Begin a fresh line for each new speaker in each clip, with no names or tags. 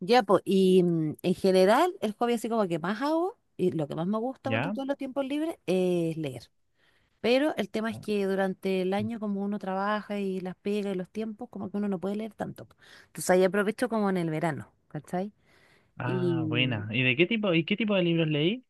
Ya, pues, y en general, el hobby así como que más hago, y lo que más me gusta con
¿Ya?
todos los tiempos libres, es leer. Pero el tema es que durante el año, como uno trabaja y las pegas y los tiempos, como que uno no puede leer tanto. Entonces ahí aprovecho como en el verano, ¿cachai?
Ah,
Y
buena. ¿Y de qué tipo, y qué tipo de libros leí?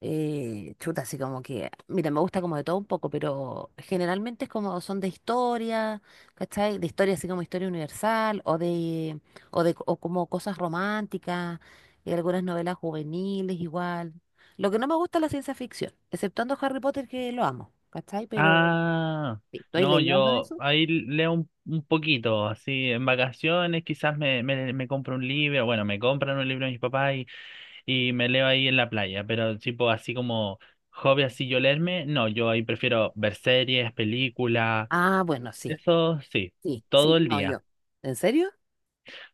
chuta, así como que, mira, me gusta como de todo un poco, pero generalmente es como son de historia, ¿cachai? De historia así como historia universal o de, o como cosas románticas, y algunas novelas juveniles igual. Lo que no me gusta es la ciencia ficción, exceptuando Harry Potter que lo amo, ¿cachai? Pero
Ah,
sí, ¿tú has
no,
leído algo de
yo
eso?
ahí leo un poquito, así, en vacaciones quizás me compro un libro, bueno, me compran un libro mis papás y me leo ahí en la playa, pero tipo así como hobby así yo leerme, no, yo ahí prefiero ver series, películas,
Ah, bueno, sí,
eso sí,
sí,
todo
sí,
el
no,
día,
yo. ¿En serio?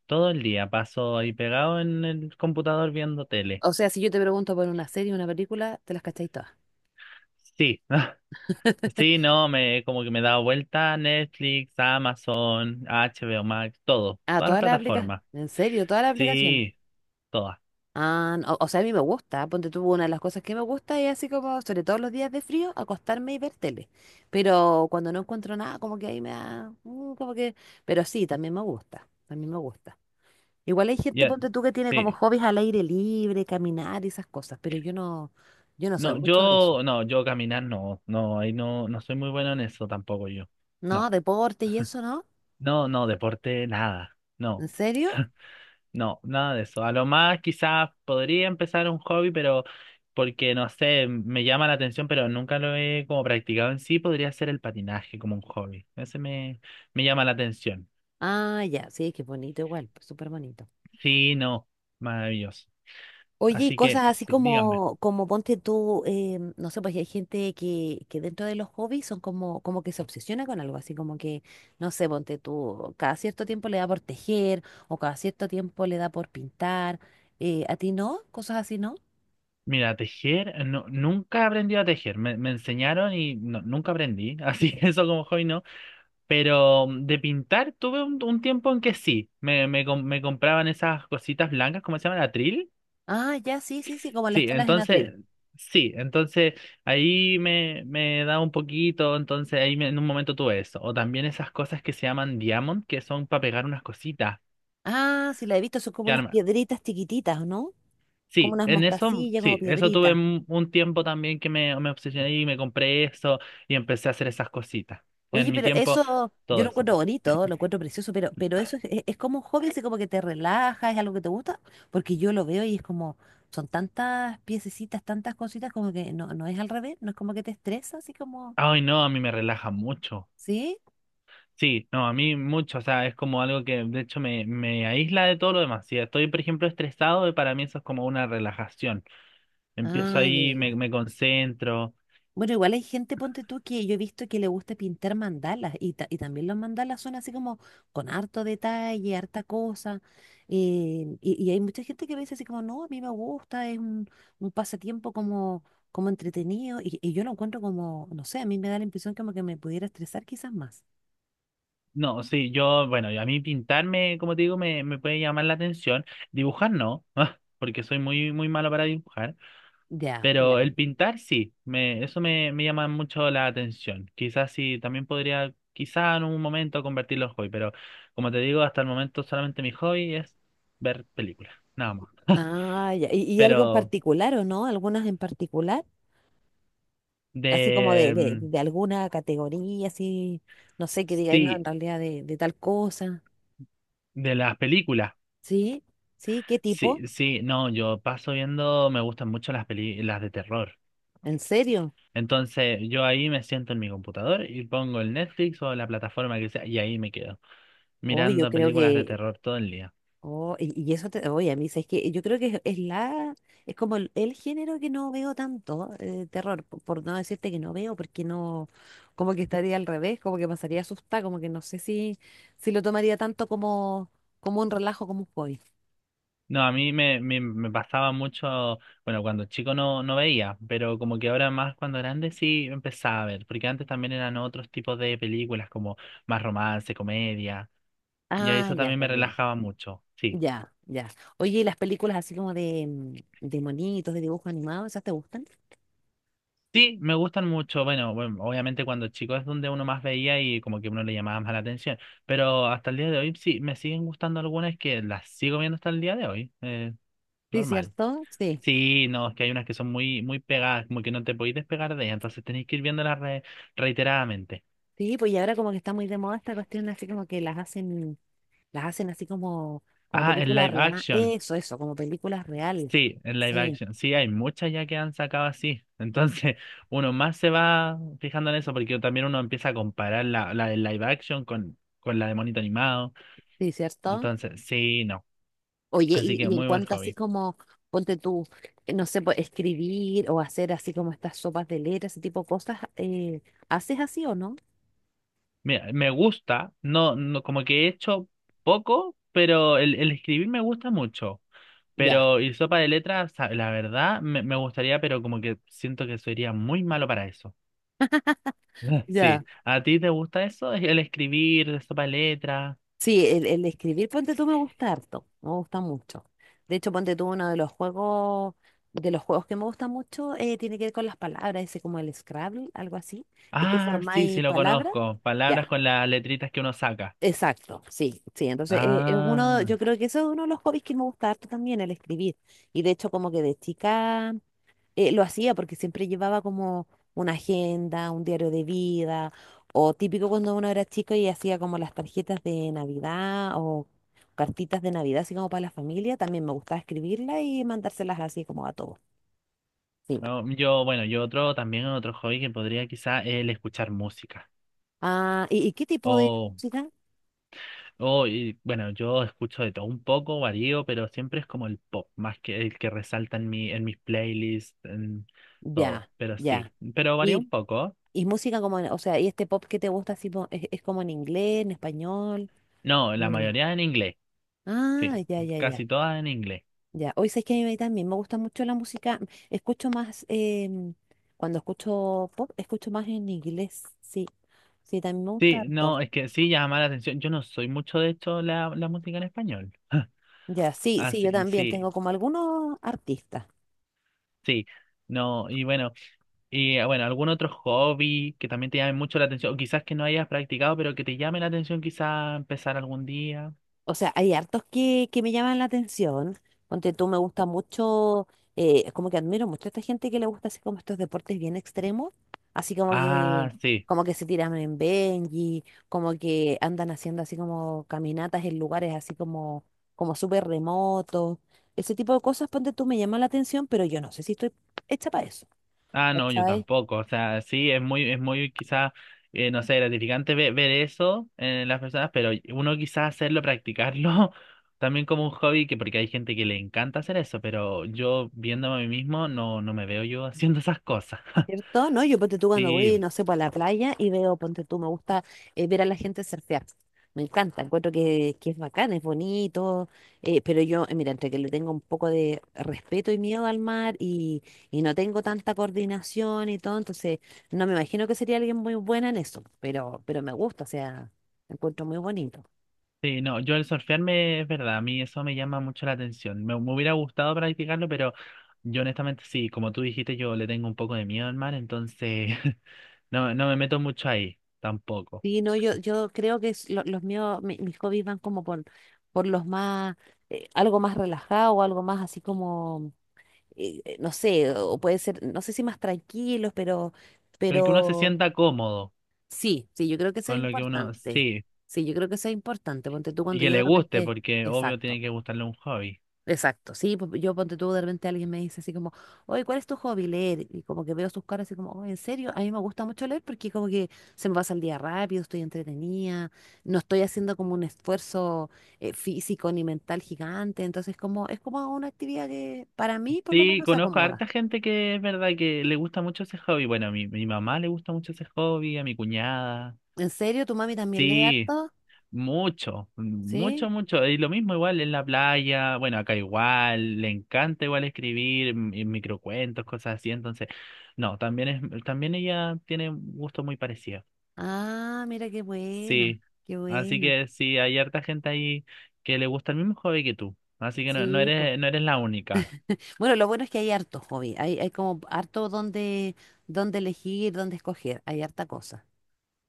todo el día paso ahí pegado en el computador viendo tele.
O sea, si yo te pregunto por una serie, una película, te las cacháis todas.
Sí. Sí, no, me como que me he dado vuelta a Netflix, Amazon HBO Max, todo,
Ah,
todas las
todas las aplicaciones.
plataformas.
¿En serio? ¿Todas las aplicaciones?
Sí, todas.
Ah, no, o sea, a mí me gusta, ponte tú, una de las cosas que me gusta es así como, sobre todo los días de frío, acostarme y ver tele. Pero cuando no encuentro nada, como que ahí me da, como que, pero sí, también me gusta, también me gusta. Igual hay gente,
Ya,
ponte tú, que tiene como
sí.
hobbies al aire libre, caminar y esas cosas, pero yo no, yo no soy
No,
mucho de eso.
yo no, yo caminar no, no, ahí no soy muy bueno en eso tampoco yo. No.
No, deporte y eso, ¿no?
No, no, deporte nada.
¿En
No.
serio?
No, nada de eso. A lo más quizás podría empezar un hobby, pero porque no sé, me llama la atención, pero nunca lo he como practicado en sí, podría ser el patinaje como un hobby. Ese me llama la atención.
Ah, ya, sí, que bonito igual, súper bonito.
Sí, no, maravilloso.
Oye, y
Así
cosas
que,
así
sí, dígame.
como, como ponte tú, no sé, pues hay gente que dentro de los hobbies son como, como que se obsesiona con algo, así como que, no sé, ponte tú, cada cierto tiempo le da por tejer o cada cierto tiempo le da por pintar. ¿A ti no? ¿Cosas así no?
Mira, tejer, no, nunca aprendí a tejer. Me enseñaron y no, nunca aprendí. Así que eso como hobby no. Pero de pintar tuve un tiempo en que sí. Me compraban esas cositas blancas, ¿cómo se llama? ¿Atril?
Ah, ya, sí, sí, sí, como las
Sí,
telas en
entonces,
atril.
sí, entonces ahí me da un poquito. Entonces en un momento tuve eso. O también esas cosas que se llaman diamond, que son para pegar unas cositas.
Ah, sí, la he visto, son como unas piedritas chiquititas, ¿no? Como
Sí,
unas
en eso,
mostacillas, como
sí, eso tuve
piedritas.
un tiempo también que me obsesioné y me compré eso y empecé a hacer esas cositas. En
Oye,
mi
pero
tiempo,
eso yo
todo
lo
eso.
encuentro bonito, lo encuentro precioso, pero eso es como un hobby, así como que te relaja, es algo que te gusta, porque yo lo veo y es como, son tantas piececitas, tantas cositas, como que no, no es al revés, no es como que te estresa, así como,
Ay, no, a mí me relaja mucho.
¿sí?
Sí, no, a mí mucho, o sea, es como algo que de hecho me aísla de todo lo demás. Si estoy, por ejemplo, estresado, para mí eso es como una relajación. Empiezo
Ah, ya, ya,
ahí, me,
ya.
me concentro.
Bueno, igual hay gente, ponte tú, que yo he visto que le gusta pintar mandalas y, ta- y también los mandalas son así como con harto detalle, harta cosa. Y, y hay mucha gente que me dice así como, no, a mí me gusta, es un pasatiempo como, como entretenido y yo lo encuentro como, no sé, a mí me da la impresión como que me pudiera estresar quizás más.
No, sí, yo, bueno, a mí pintarme, como te digo, me puede llamar la atención. Dibujar no, porque soy muy, muy malo para dibujar.
Ya, ya,
Pero
ya.
el pintar sí, me, eso me llama mucho la atención. Quizás sí, también podría, quizás en un momento convertirlo en hobby, pero como te digo, hasta el momento solamente mi hobby es ver películas, nada más.
Ah, ya. Y algo en
Pero
particular o no? ¿Algunas en particular? Así como
de,
de alguna categoría, así, no sé, que digáis, no, en
sí,
realidad de tal cosa.
de las películas,
Sí, sí, ¿qué tipo?
sí, sí, no, yo paso viendo, me gustan mucho las peli, las de terror.
¿En serio?
Entonces yo ahí me siento en mi computador y pongo el Netflix o la plataforma que sea y ahí me quedo
Hoy yo
mirando
creo
películas de
que,
terror todo el día.
oh, y eso te, oye, a mí es que yo creo que es la, es como el género que no veo tanto, terror, po- por no decirte que no veo, porque no, como que estaría al revés, como que pasaría asustada, como que no sé si, si lo tomaría tanto como, como un relajo, como un hobby.
No, a mí me pasaba mucho, bueno, cuando chico no, no veía, pero como que ahora más cuando grande sí empezaba a ver, porque antes también eran otros tipos de películas como más romance, comedia, y
Ah,
eso
ya,
también
ya,
me
ya,
relajaba mucho, sí.
ya, ya. Oye, ¿y las películas así como de, de monitos, de dibujos animados, esas te gustan?
Sí, me gustan mucho, bueno, bueno, obviamente cuando chico es donde uno más veía y como que uno le llamaba más la atención, pero hasta el día de hoy sí, me siguen gustando algunas que las sigo viendo hasta el día de hoy,
Sí,
normal.
¿cierto? Sí.
Sí, no, es que hay unas que son muy, muy pegadas, como que no te podéis despegar de ellas, entonces tenéis que ir viéndolas reiteradamente.
Sí, pues y ahora como que está muy de moda esta cuestión, así como que las hacen así como, como
Ah, en
película
live
real.
action.
Eso, como películas real.
Sí, en live
Sí,
action. Sí, hay muchas ya que han sacado así. Entonces, uno más se va fijando en eso, porque también uno empieza a comparar la, la de live action con la de monito animado.
sí, ¿cierto?
Entonces, sí, no.
Oye,
Así que
y en
muy buen
cuanto así
hobby.
como, ponte tú, no sé, pues, escribir o hacer así como estas sopas de letras, ese tipo de cosas, ¿haces así o no?
Mira, me gusta, no, no, como que he hecho poco, pero el escribir me gusta mucho.
Ya,
Pero y sopa de letras, la verdad, me gustaría, pero como que siento que sería muy malo para eso. Sí,
ya.
¿a ti te gusta eso? El escribir, sopa de letras.
Sí, el escribir ponte tú me gusta harto, me gusta mucho. De hecho, ponte tú uno de los juegos que me gusta mucho tiene que ver con las palabras, ese como el Scrabble, algo así, que tú
Ah, sí,
formáis
sí, lo
palabras.
conozco. Palabras
Ya,
con las letritas que uno saca.
exacto, sí, sí. Entonces, es uno, yo
Ah,
creo que eso es uno de los hobbies que me gusta harto también, el escribir. Y de hecho, como que de chica lo hacía porque siempre llevaba como una agenda, un diario de vida, o típico cuando uno era chico y hacía como las tarjetas de Navidad o cartitas de Navidad, así como para la familia, también me gustaba escribirlas y mandárselas así como a todos. Sí.
no, yo, bueno, yo otro, también otro hobby que podría quizá el escuchar música.
Ah, y qué tipo de
Oh,
música?
Oh, y, bueno, yo escucho de todo un poco, varío, pero siempre es como el pop, más que el que resalta en mi, en mis playlists, en todo.
Ya,
Pero sí,
ya.
pero varía
Y,
un poco.
y música como, en- o sea, ¿y este pop que te gusta así, po- es como en inglés, en español?
No, la
Eh,
mayoría en inglés,
Ah,
sí,
ya, ya,
casi
ya.
todas en inglés.
Ya, hoy sabes que a mí también me gusta mucho la música. Escucho más, cuando escucho pop, escucho más en inglés. Sí, sí, también me gusta
Sí,
harto.
no, es que sí llama la atención. Yo no soy mucho de hecho la, la música en español.
Ya, sí,
Ah,
sí, yo
sí,
también
sí,
tengo como algunos artistas.
sí. No, y bueno, y ah, bueno, algún otro hobby que también te llame mucho la atención, o quizás que no hayas practicado, pero que te llame la atención quizás empezar algún día.
O sea, hay hartos que me llaman la atención. Ponte tú, me gusta mucho, como que admiro mucho a esta gente que le gusta así como estos deportes bien extremos, así
Ah, sí.
como que se tiran en Benji, como que andan haciendo así como caminatas en lugares así como, como súper remotos. Ese tipo de cosas, ponte tú, me llama la atención, pero yo no sé si estoy hecha para eso,
Ah, no, yo
¿cachai?
tampoco. O sea, sí, es muy quizás, no sé, gratificante ver, eso en las personas, pero uno quizás hacerlo, practicarlo también como un hobby, que porque hay gente que le encanta hacer eso, pero yo viéndome a mí mismo no, no me veo yo haciendo esas cosas.
¿Cierto? ¿No? Yo ponte tú cuando
Sí,
voy, no sé, pues a la playa y veo, ponte tú, me gusta ver a la gente surfear. Me encanta, encuentro que es bacán, es bonito, pero yo, mira, entre que le tengo un poco de respeto y miedo al mar y no tengo tanta coordinación y todo, entonces no me imagino que sería alguien muy buena en eso, pero me gusta, o sea, lo encuentro muy bonito.
sí, no, yo el surfearme es verdad, a mí eso me llama mucho la atención. Me hubiera gustado practicarlo, pero yo honestamente sí, como tú dijiste, yo le tengo un poco de miedo al mar, entonces no, no me meto mucho ahí, tampoco.
Sí, no, yo creo que es lo- los míos, mi- mis hobbies van como por los más, algo más relajado, algo más así como no sé, o puede ser, no sé si más tranquilos,
Pero que uno se
pero
sienta cómodo
sí, sí, yo creo que eso es
con lo que uno,
importante.
sí,
Sí, yo creo que eso es importante. Ponte tú
y
cuando
que
yo de
le guste,
repente,
porque obvio tiene
exacto,
que gustarle un hobby.
exacto, sí, pues, yo ponte tú de repente alguien me dice así como, oye, ¿cuál es tu hobby? Leer. Y como que veo sus caras así como, oye, ¿en serio? A mí me gusta mucho leer porque como que se me pasa el día rápido, estoy entretenida, no estoy haciendo como un esfuerzo físico ni mental gigante, entonces como, es como una actividad que para mí por lo
Sí,
menos se
conozco a
acomoda.
harta gente que es verdad que le gusta mucho ese hobby. Bueno, a mi mamá le gusta mucho ese hobby, a mi cuñada.
¿En serio? ¿Tu mami también lee
Sí,
harto?
mucho,
¿Sí?
mucho, mucho. Y lo mismo igual en la playa, bueno, acá igual, le encanta igual escribir y microcuentos, cosas así. Entonces, no, también es, también ella tiene un gusto muy parecido.
Ah, mira qué buena,
Sí,
qué
así
buena.
que sí, hay harta gente ahí que le gusta el mismo hobby que tú, así que no, no
Sí, pues.
eres, no eres la única.
Bueno, lo bueno es que hay harto hobby, hay como harto donde, donde elegir, donde escoger, hay harta cosa.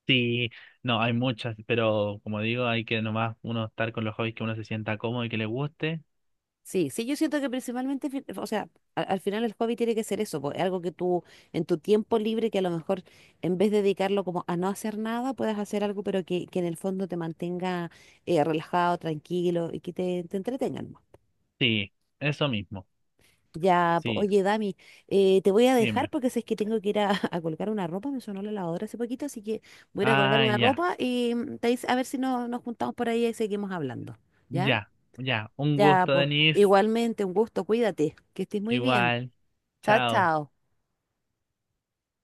Sí, no, hay muchas, pero como digo, hay que nomás uno estar con los hobbies que uno se sienta cómodo y que le guste.
Sí, sí, yo siento que principalmente, fi- o sea, a- al, final el hobby tiene que ser eso, pues, algo que tú en tu tiempo libre, que a lo mejor en vez de dedicarlo como a no hacer nada, puedas hacer algo, pero que en el fondo te mantenga relajado, tranquilo y que te entretengan.
Sí, eso mismo,
Ya, po-
sí,
oye, Dami, te voy a dejar
dime.
porque sé que tengo que ir a, a colgar una ropa, me sonó la lavadora hace poquito, así que voy a ir a colgar
Ah,
una
ya,
ropa y te dice- a ver si no, nos juntamos por ahí y seguimos hablando. ¿Ya?
ya, ya, un
Ya,
gusto,
pues
Denise,
igualmente, un gusto, cuídate, que estés muy bien.
igual,
Chao,
chao.
chao.